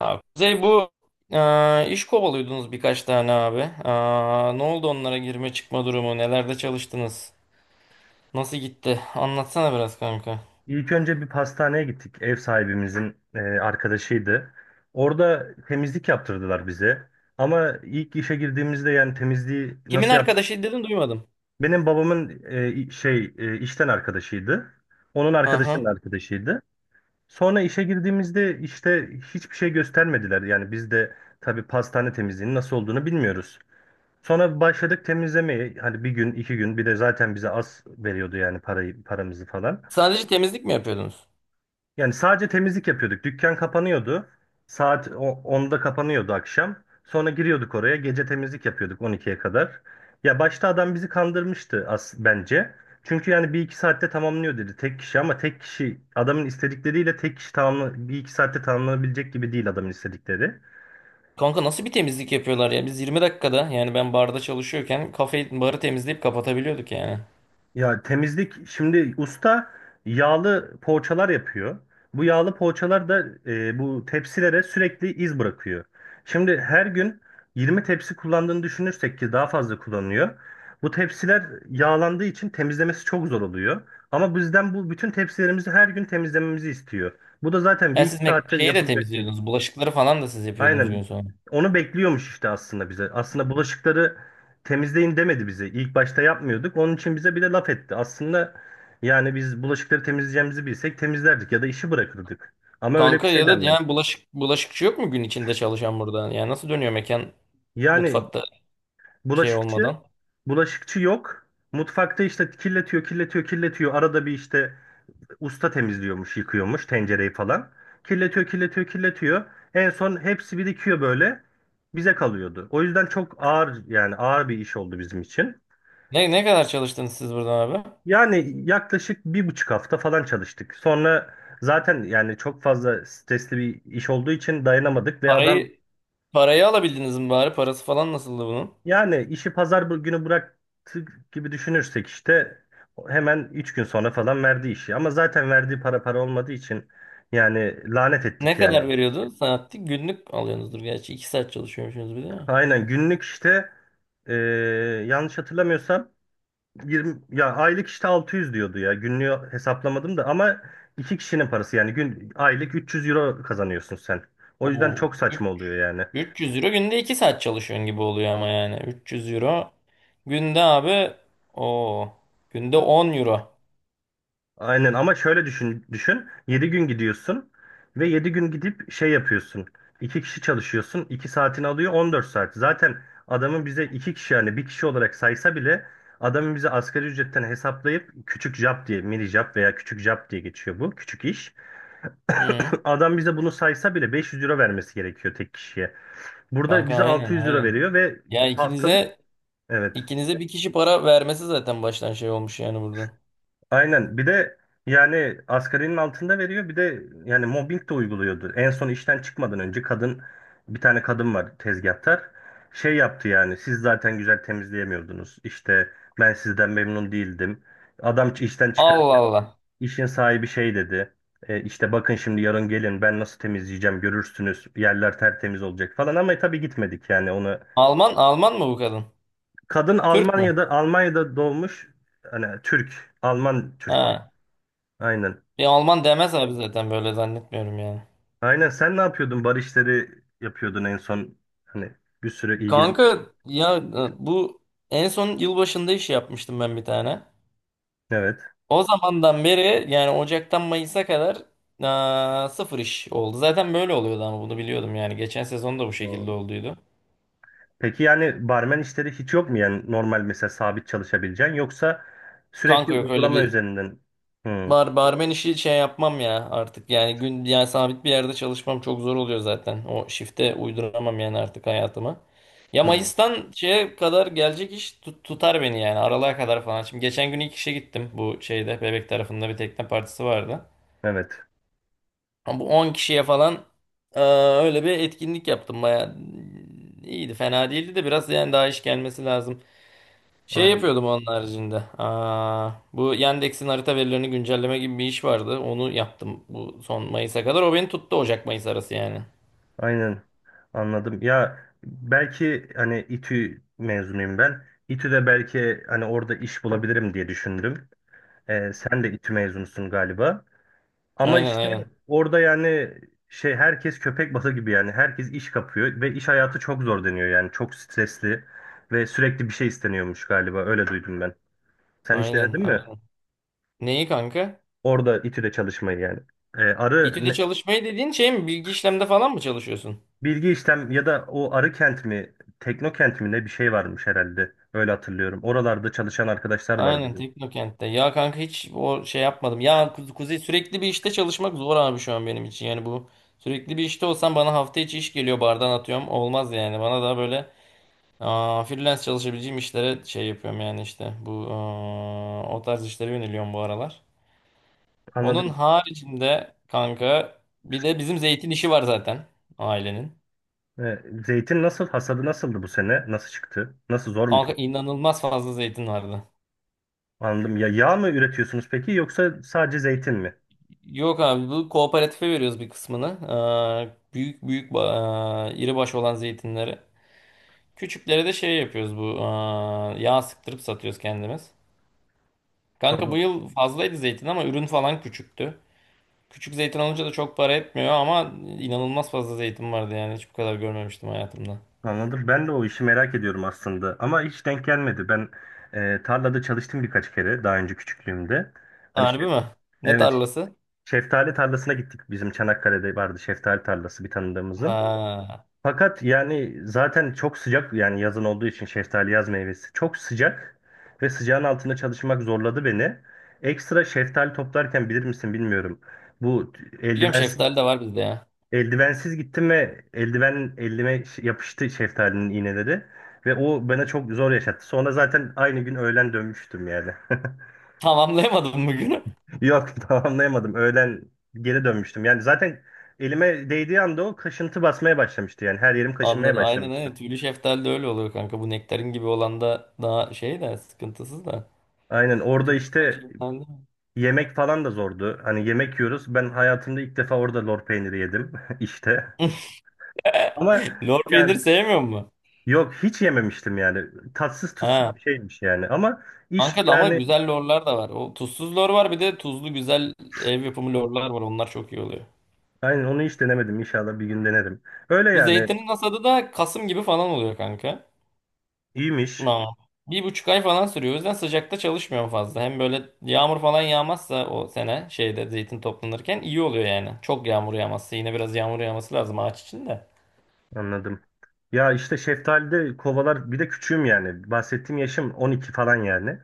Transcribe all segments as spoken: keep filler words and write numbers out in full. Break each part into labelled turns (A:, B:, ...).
A: Abi, Kuzey bu. e, iş kovalıyordunuz birkaç tane abi. E, ne oldu onlara girme çıkma durumu? Nelerde çalıştınız? Nasıl gitti? Anlatsana biraz kanka.
B: İlk önce bir pastaneye gittik. Ev sahibimizin e, arkadaşıydı. Orada temizlik yaptırdılar bize. Ama ilk işe girdiğimizde yani temizliği
A: Kimin
B: nasıl yap?
A: arkadaşı dedin, duymadım.
B: Benim babamın e, şey e, işten arkadaşıydı. Onun
A: Hı hı.
B: arkadaşının arkadaşıydı. Sonra işe girdiğimizde işte hiçbir şey göstermediler. Yani biz de tabii pastane temizliğinin nasıl olduğunu bilmiyoruz. Sonra başladık temizlemeye. Hani bir gün, iki gün, bir de zaten bize az veriyordu yani parayı, paramızı falan.
A: Sadece temizlik mi yapıyordunuz?
B: Yani sadece temizlik yapıyorduk. Dükkan kapanıyordu. Saat o- onda kapanıyordu akşam. Sonra giriyorduk oraya. Gece temizlik yapıyorduk on ikiye kadar. Ya başta adam bizi kandırmıştı as bence. Çünkü yani bir iki saatte tamamlıyor dedi tek kişi, ama tek kişi adamın istedikleriyle tek kişi tamamla, bir iki saatte tamamlanabilecek gibi değil adamın istedikleri.
A: Kanka, nasıl bir temizlik yapıyorlar ya? Biz 20 dakikada, yani ben barda çalışıyorken kafeyi, barı temizleyip kapatabiliyorduk yani.
B: Ya temizlik şimdi usta yağlı poğaçalar yapıyor. Bu yağlı poğaçalar da e, bu tepsilere sürekli iz bırakıyor. Şimdi her gün yirmi tepsi kullandığını düşünürsek, ki daha fazla kullanıyor. Bu tepsiler yağlandığı için temizlemesi çok zor oluyor. Ama bizden bu bütün tepsilerimizi her gün temizlememizi istiyor. Bu da zaten bir
A: Ya
B: iki
A: siz mek-
B: saatte
A: şeyi de
B: yapılacak şey.
A: temizliyordunuz. Bulaşıkları falan da siz yapıyordunuz
B: Aynen.
A: gün sonra.
B: Onu bekliyormuş işte aslında bize. Aslında bulaşıkları temizleyin demedi bize. İlk başta yapmıyorduk. Onun için bize bir de laf etti. Aslında yani biz bulaşıkları temizleyeceğimizi bilsek temizlerdik ya da işi bırakırdık. Ama öyle bir
A: Kanka
B: şey
A: ya da
B: denmedi.
A: yani bulaşık, bulaşıkçı yok mu gün içinde çalışan burada? Yani nasıl dönüyor mekan
B: Yani
A: mutfakta? Şey
B: bulaşıkçı,
A: olmadan.
B: bulaşıkçı yok. Mutfakta işte kirletiyor, kirletiyor, kirletiyor. Arada bir işte usta temizliyormuş, yıkıyormuş tencereyi falan. Kirletiyor, kirletiyor, kirletiyor. En son hepsi birikiyor böyle. Bize kalıyordu. O yüzden çok ağır, yani ağır bir iş oldu bizim için.
A: Ne ne kadar çalıştınız siz buradan abi?
B: Yani yaklaşık bir buçuk hafta falan çalıştık. Sonra zaten yani çok fazla stresli bir iş olduğu için dayanamadık ve adam,
A: Parayı parayı alabildiniz mi bari? Parası falan nasıldı bunun?
B: yani işi pazar bu- günü bıraktık gibi düşünürsek, işte hemen üç gün sonra falan verdi işi. Ama zaten verdiği para para olmadığı için yani lanet
A: Ne
B: ettik yani.
A: kadar veriyordu? Saatlik günlük alıyorsunuzdur gerçi. iki saat çalışıyormuşsunuz bir de, ya.
B: Aynen günlük işte, e, yanlış hatırlamıyorsam yirmi, ya aylık işte altı yüz diyordu ya. Günlüğü hesaplamadım da, ama iki kişinin parası yani gün aylık üç yüz euro kazanıyorsun sen. O yüzden
A: Oo.
B: çok saçma
A: Üç-
B: oluyor yani.
A: 300 euro günde iki saat çalışıyorsun gibi oluyor ama yani. üç yüz euro günde abi, o günde on euro.
B: Aynen, ama şöyle düşün, düşün. Yedi gün gidiyorsun ve yedi gün gidip şey yapıyorsun. İki kişi çalışıyorsun. İki saatini alıyor on dört saat. Zaten adamın bize iki kişi yani bir kişi olarak saysa bile, adamın bize asgari ücretten hesaplayıp küçük job diye, mini job veya küçük job diye geçiyor bu küçük iş.
A: Hı.
B: Adam bize bunu saysa bile beş yüz euro vermesi gerekiyor tek kişiye. Burada
A: Kanka,
B: bize
A: aynen
B: altı yüz euro
A: aynen.
B: veriyor ve
A: Ya
B: haftalık,
A: ikinize
B: evet.
A: ikinize bir kişi para vermesi zaten baştan şey olmuş yani burada.
B: Aynen. Bir de yani asgarinin altında veriyor. Bir de yani mobbing de uyguluyordu. En son işten çıkmadan önce kadın, bir tane kadın var tezgahtar. Şey yaptı yani, siz zaten güzel temizleyemiyordunuz. İşte ben sizden memnun değildim. Adam işten
A: Allah
B: çıkarken
A: Allah.
B: işin sahibi şey dedi. E, işte bakın şimdi, yarın gelin ben nasıl temizleyeceğim görürsünüz. Yerler tertemiz olacak falan, ama tabii gitmedik yani onu.
A: Alman Alman mı bu kadın?
B: Kadın
A: Türk mü?
B: Almanya'da Almanya'da doğmuş. Hani Türk, Alman Türk'ü.
A: Ha.
B: Aynen.
A: Bir Alman demez abi, zaten böyle zannetmiyorum yani.
B: Aynen, sen ne yapıyordun? Bar işleri yapıyordun en son. Hani bir sürü ilgileniyordun.
A: Kanka ya e, bu en son yılbaşında iş yapmıştım ben bir tane.
B: Evet.
A: O zamandan beri yani Ocak'tan Mayıs'a kadar aa, sıfır iş oldu. Zaten böyle oluyordu ama bunu biliyordum yani. Geçen sezon da bu şekilde
B: Doğru.
A: olduydu.
B: Peki yani barmen işleri hiç yok mu? Yani normal, mesela sabit çalışabileceğin, yoksa sürekli
A: Kanka yok öyle
B: uygulama
A: bir.
B: üzerinden. Hı,
A: Bar barmen işi şey yapmam ya artık, yani gün yani sabit bir yerde çalışmam çok zor oluyor zaten. O şifte uyduramam yani artık hayatıma. Ya
B: hı.
A: Mayıs'tan şeye kadar gelecek iş tut- tutar beni yani aralığa kadar falan. Şimdi geçen gün ilk işe gittim, bu şeyde Bebek tarafında bir tekne partisi vardı.
B: Evet.
A: Ama bu on kişiye falan eee, öyle bir etkinlik yaptım, baya iyiydi, fena değildi de biraz yani daha iş gelmesi lazım. Şey
B: Aynen.
A: yapıyordum onun haricinde. Aa, bu Yandex'in harita verilerini güncelleme gibi bir iş vardı. Onu yaptım bu son Mayıs'a kadar. O beni tuttu Ocak-Mayıs arası yani.
B: Aynen. Anladım. Ya belki hani İTÜ mezunuyum ben. İTÜ'de belki hani orada iş bulabilirim diye düşündüm. Ee, sen de İTÜ mezunusun galiba. Ama
A: Aynen
B: işte
A: aynen.
B: orada yani şey, herkes köpek balığı gibi, yani herkes iş kapıyor ve iş hayatı çok zor deniyor yani, çok stresli ve sürekli bir şey isteniyormuş galiba, öyle duydum ben. Sen hiç
A: Aynen
B: denedin mi?
A: aynen. Neyi kanka?
B: Orada İTÜ'de çalışmayı yani. Ee, arı
A: İTÜ'de
B: ne-
A: çalışmayı dediğin şey mi? Bilgi işlemde falan mı çalışıyorsun?
B: bilgi işlem ya da o arı kent mi, Teknokent mi, ne bir şey varmış herhalde, öyle hatırlıyorum. Oralarda çalışan arkadaşlar var
A: Aynen,
B: bizim.
A: Teknokent'te. Ya kanka hiç o şey yapmadım. Ya Ku- Kuzey, sürekli bir işte çalışmak zor abi şu an benim için. Yani bu sürekli bir işte olsam, bana hafta içi iş geliyor bardan, atıyorum, olmaz yani. Bana daha böyle. Aa, freelance çalışabileceğim işlere şey yapıyorum, yani işte bu aa, o tarz işlere yöneliyorum bu aralar. Onun
B: Anladım.
A: haricinde kanka bir de bizim zeytin işi var zaten, ailenin.
B: Ee, zeytin nasıl, hasadı nasıldı bu sene? Nasıl çıktı? Nasıl, zor mu?
A: Kanka inanılmaz fazla zeytin vardı.
B: Anladım. Ya yağ mı üretiyorsunuz peki, yoksa sadece zeytin mi?
A: Yok abi, bu kooperatife veriyoruz bir kısmını. Aa, büyük büyük ba- aa, iri baş olan zeytinleri. Küçükleri de şey yapıyoruz, bu aa, yağ sıktırıp satıyoruz kendimiz. Kanka bu
B: Anladım.
A: yıl fazlaydı zeytin ama ürün falan küçüktü. Küçük zeytin alınca da çok para etmiyor ama inanılmaz fazla zeytin vardı yani. Hiç bu kadar görmemiştim hayatımda.
B: Anladım. Ben de o işi merak ediyorum aslında. Ama hiç denk gelmedi. Ben e, tarlada çalıştım birkaç kere daha önce, küçüklüğümde. Hani
A: Harbi
B: şef,
A: mi? Ne
B: evet,
A: tarlası?
B: şeftali tarlasına gittik. Bizim Çanakkale'de vardı şeftali tarlası, bir tanıdığımızın.
A: Ha.
B: Fakat yani zaten çok sıcak yani, yazın olduğu için, şeftali yaz meyvesi, çok sıcak ve sıcağın altında çalışmak zorladı beni. Ekstra şeftali toplarken bilir misin bilmiyorum. Bu
A: Biliyorum,
B: eldivensiz
A: şeftali de var bizde ya.
B: Eldivensiz gittim ve eldiven elime ş- yapıştı, şeftalinin iğneleri. Ve o bana çok zor yaşattı. Sonra zaten aynı gün öğlen dönmüştüm yani.
A: Tamamlayamadım bugünü.
B: Yok, tamamlayamadım. Öğlen geri dönmüştüm. Yani zaten elime değdiği anda o kaşıntı basmaya başlamıştı. Yani her yerim kaşınmaya
A: Anladım. Aynen aynen.
B: başlamıştı.
A: Tüylü şeftali de öyle oluyor kanka. Bu nektarin gibi olan da daha şey de, sıkıntısız da.
B: Aynen orada
A: Tüylü şeftali
B: işte
A: de-
B: yemek falan da zordu. Hani yemek yiyoruz. Ben hayatımda ilk defa orada lor peyniri yedim işte. Ama
A: Lor peynir
B: yani,
A: sevmiyor mu?
B: yok hiç yememiştim yani. Tatsız tuzsuz
A: Ha.
B: bir şeymiş yani. Ama iş
A: Kanka da ama
B: yani.
A: güzel lorlar da var. O tuzsuz lor var, bir de tuzlu güzel ev yapımı lorlar var. Onlar çok iyi oluyor.
B: Aynen, onu hiç denemedim. İnşallah bir gün denerim. Öyle
A: Bu
B: yani,
A: zeytinin hasadı da Kasım gibi falan oluyor kanka.
B: iyiymiş.
A: Tamam. Bir buçuk ay falan sürüyor. O yüzden sıcakta çalışmıyorum fazla. Hem böyle yağmur falan yağmazsa o sene şeyde zeytin toplanırken iyi oluyor yani. Çok yağmur yağmazsa, yine biraz yağmur yağması lazım ağaç için de.
B: Anladım. Ya işte şeftalide kovalar, bir de küçüğüm yani. Bahsettiğim yaşım on iki falan yani.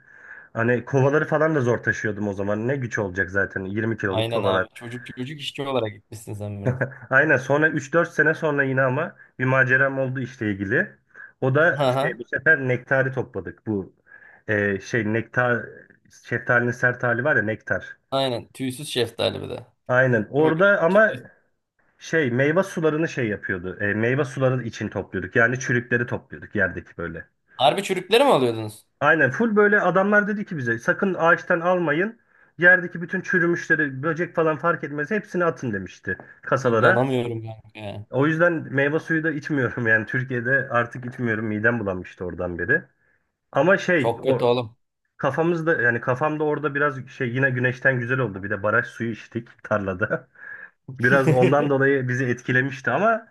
B: Hani kovaları falan da zor taşıyordum o zaman. Ne güç olacak zaten yirmi kiloluk
A: Aynen
B: kovalar.
A: abi. Çocuk, çocuk işçi olarak gitmişsin sen biraz.
B: Aynen, sonra üç dört sene sonra yine ama bir maceram oldu işle ilgili. O da işte
A: Aha.
B: bu sefer nektarı topladık. Bu e, şey nektar, şeftalinin sert hali var ya, nektar.
A: Aynen. Tüysüz şeftali bir de.
B: Aynen
A: Öyle
B: orada, ama
A: olmuş.
B: şey meyve sularını şey yapıyordu. E, meyve suları için topluyorduk. Yani çürükleri topluyorduk, yerdeki böyle.
A: Harbi çürükleri mi alıyordunuz?
B: Aynen, full böyle, adamlar dedi ki bize sakın ağaçtan almayın. Yerdeki bütün çürümüşleri, böcek falan fark etmez, hepsini atın demişti kasalara.
A: İnanamıyorum kanka.
B: O yüzden meyve suyu da içmiyorum yani Türkiye'de, artık içmiyorum, midem bulanmıştı oradan beri. Ama şey,
A: Çok
B: o
A: kötü oğlum.
B: kafamızda yani kafamda orada biraz şey, yine güneşten güzel oldu, bir de baraj suyu içtik tarlada. Biraz ondan dolayı bizi etkilemişti, ama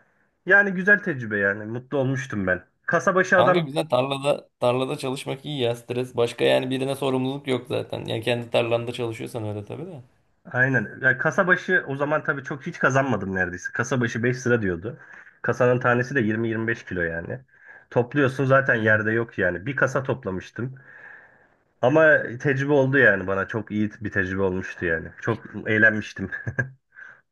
B: yani güzel tecrübe yani. Mutlu olmuştum ben. Kasabaşı
A: Kanka
B: adam
A: güzel, tarlada tarlada çalışmak iyi ya, stres başka yani, birine sorumluluk yok zaten. Yani kendi tarlanda çalışıyorsan öyle tabii de.
B: aynen. Yani kasabaşı, o zaman tabii çok hiç kazanmadım neredeyse. Kasabaşı beş lira diyordu. Kasanın tanesi de yirmi yirmi beş kilo yani. Topluyorsun, zaten
A: Hı.
B: yerde yok yani. Bir kasa toplamıştım. Ama tecrübe oldu yani bana. Çok iyi bir tecrübe olmuştu yani. Çok eğlenmiştim.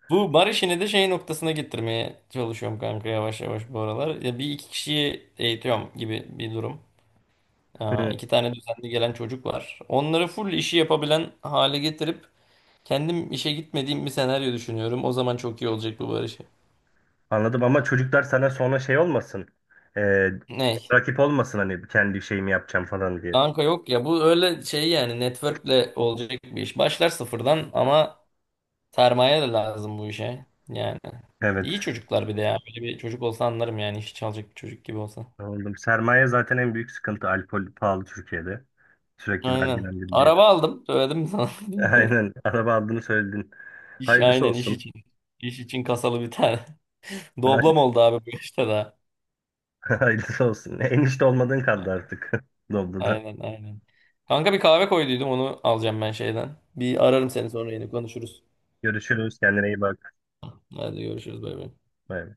A: Bu bar işini de şey noktasına getirmeye çalışıyorum kanka, yavaş yavaş bu aralar. Ya bir iki kişiyi eğitiyorum gibi bir durum. Aa,
B: Hı.
A: iki tane düzenli gelen çocuk var. Onları full işi yapabilen hale getirip kendim işe gitmediğim bir senaryo düşünüyorum. O zaman çok iyi olacak bu bar işi.
B: Anladım, ama çocuklar sana sonra şey olmasın. Ee,
A: Ne?
B: rakip olmasın, hani kendi şeyimi yapacağım falan diye.
A: Kanka yok ya, bu öyle şey, yani networkle olacak bir iş. Başlar sıfırdan ama. Sermaye de lazım bu işe. Yani
B: Evet.
A: iyi çocuklar bir de ya. Böyle bir çocuk olsa anlarım yani, işi çalacak bir çocuk gibi olsa.
B: Anladım. Sermaye zaten en büyük sıkıntı. Alkol pahalı Türkiye'de. Sürekli
A: Aynen.
B: vergilendiriliyor.
A: Araba aldım. Söyledim mi sana? Bilmiyorum.
B: Aynen. Araba aldığını söyledin.
A: İş,
B: Hayırlısı
A: aynen iş
B: olsun.
A: için. İş için kasalı bir tane. Doblam
B: Hayırlısı,
A: oldu abi bu işte daha.
B: hayırlısı olsun. Enişte olmadığın kaldı artık. Doldu da.
A: Aynen aynen. Kanka bir kahve koyduydum, onu alacağım ben şeyden. Bir ararım seni, sonra yine konuşuruz.
B: Görüşürüz. Kendine iyi bak.
A: Hadi görüşürüz, bay bay.
B: Bay bay.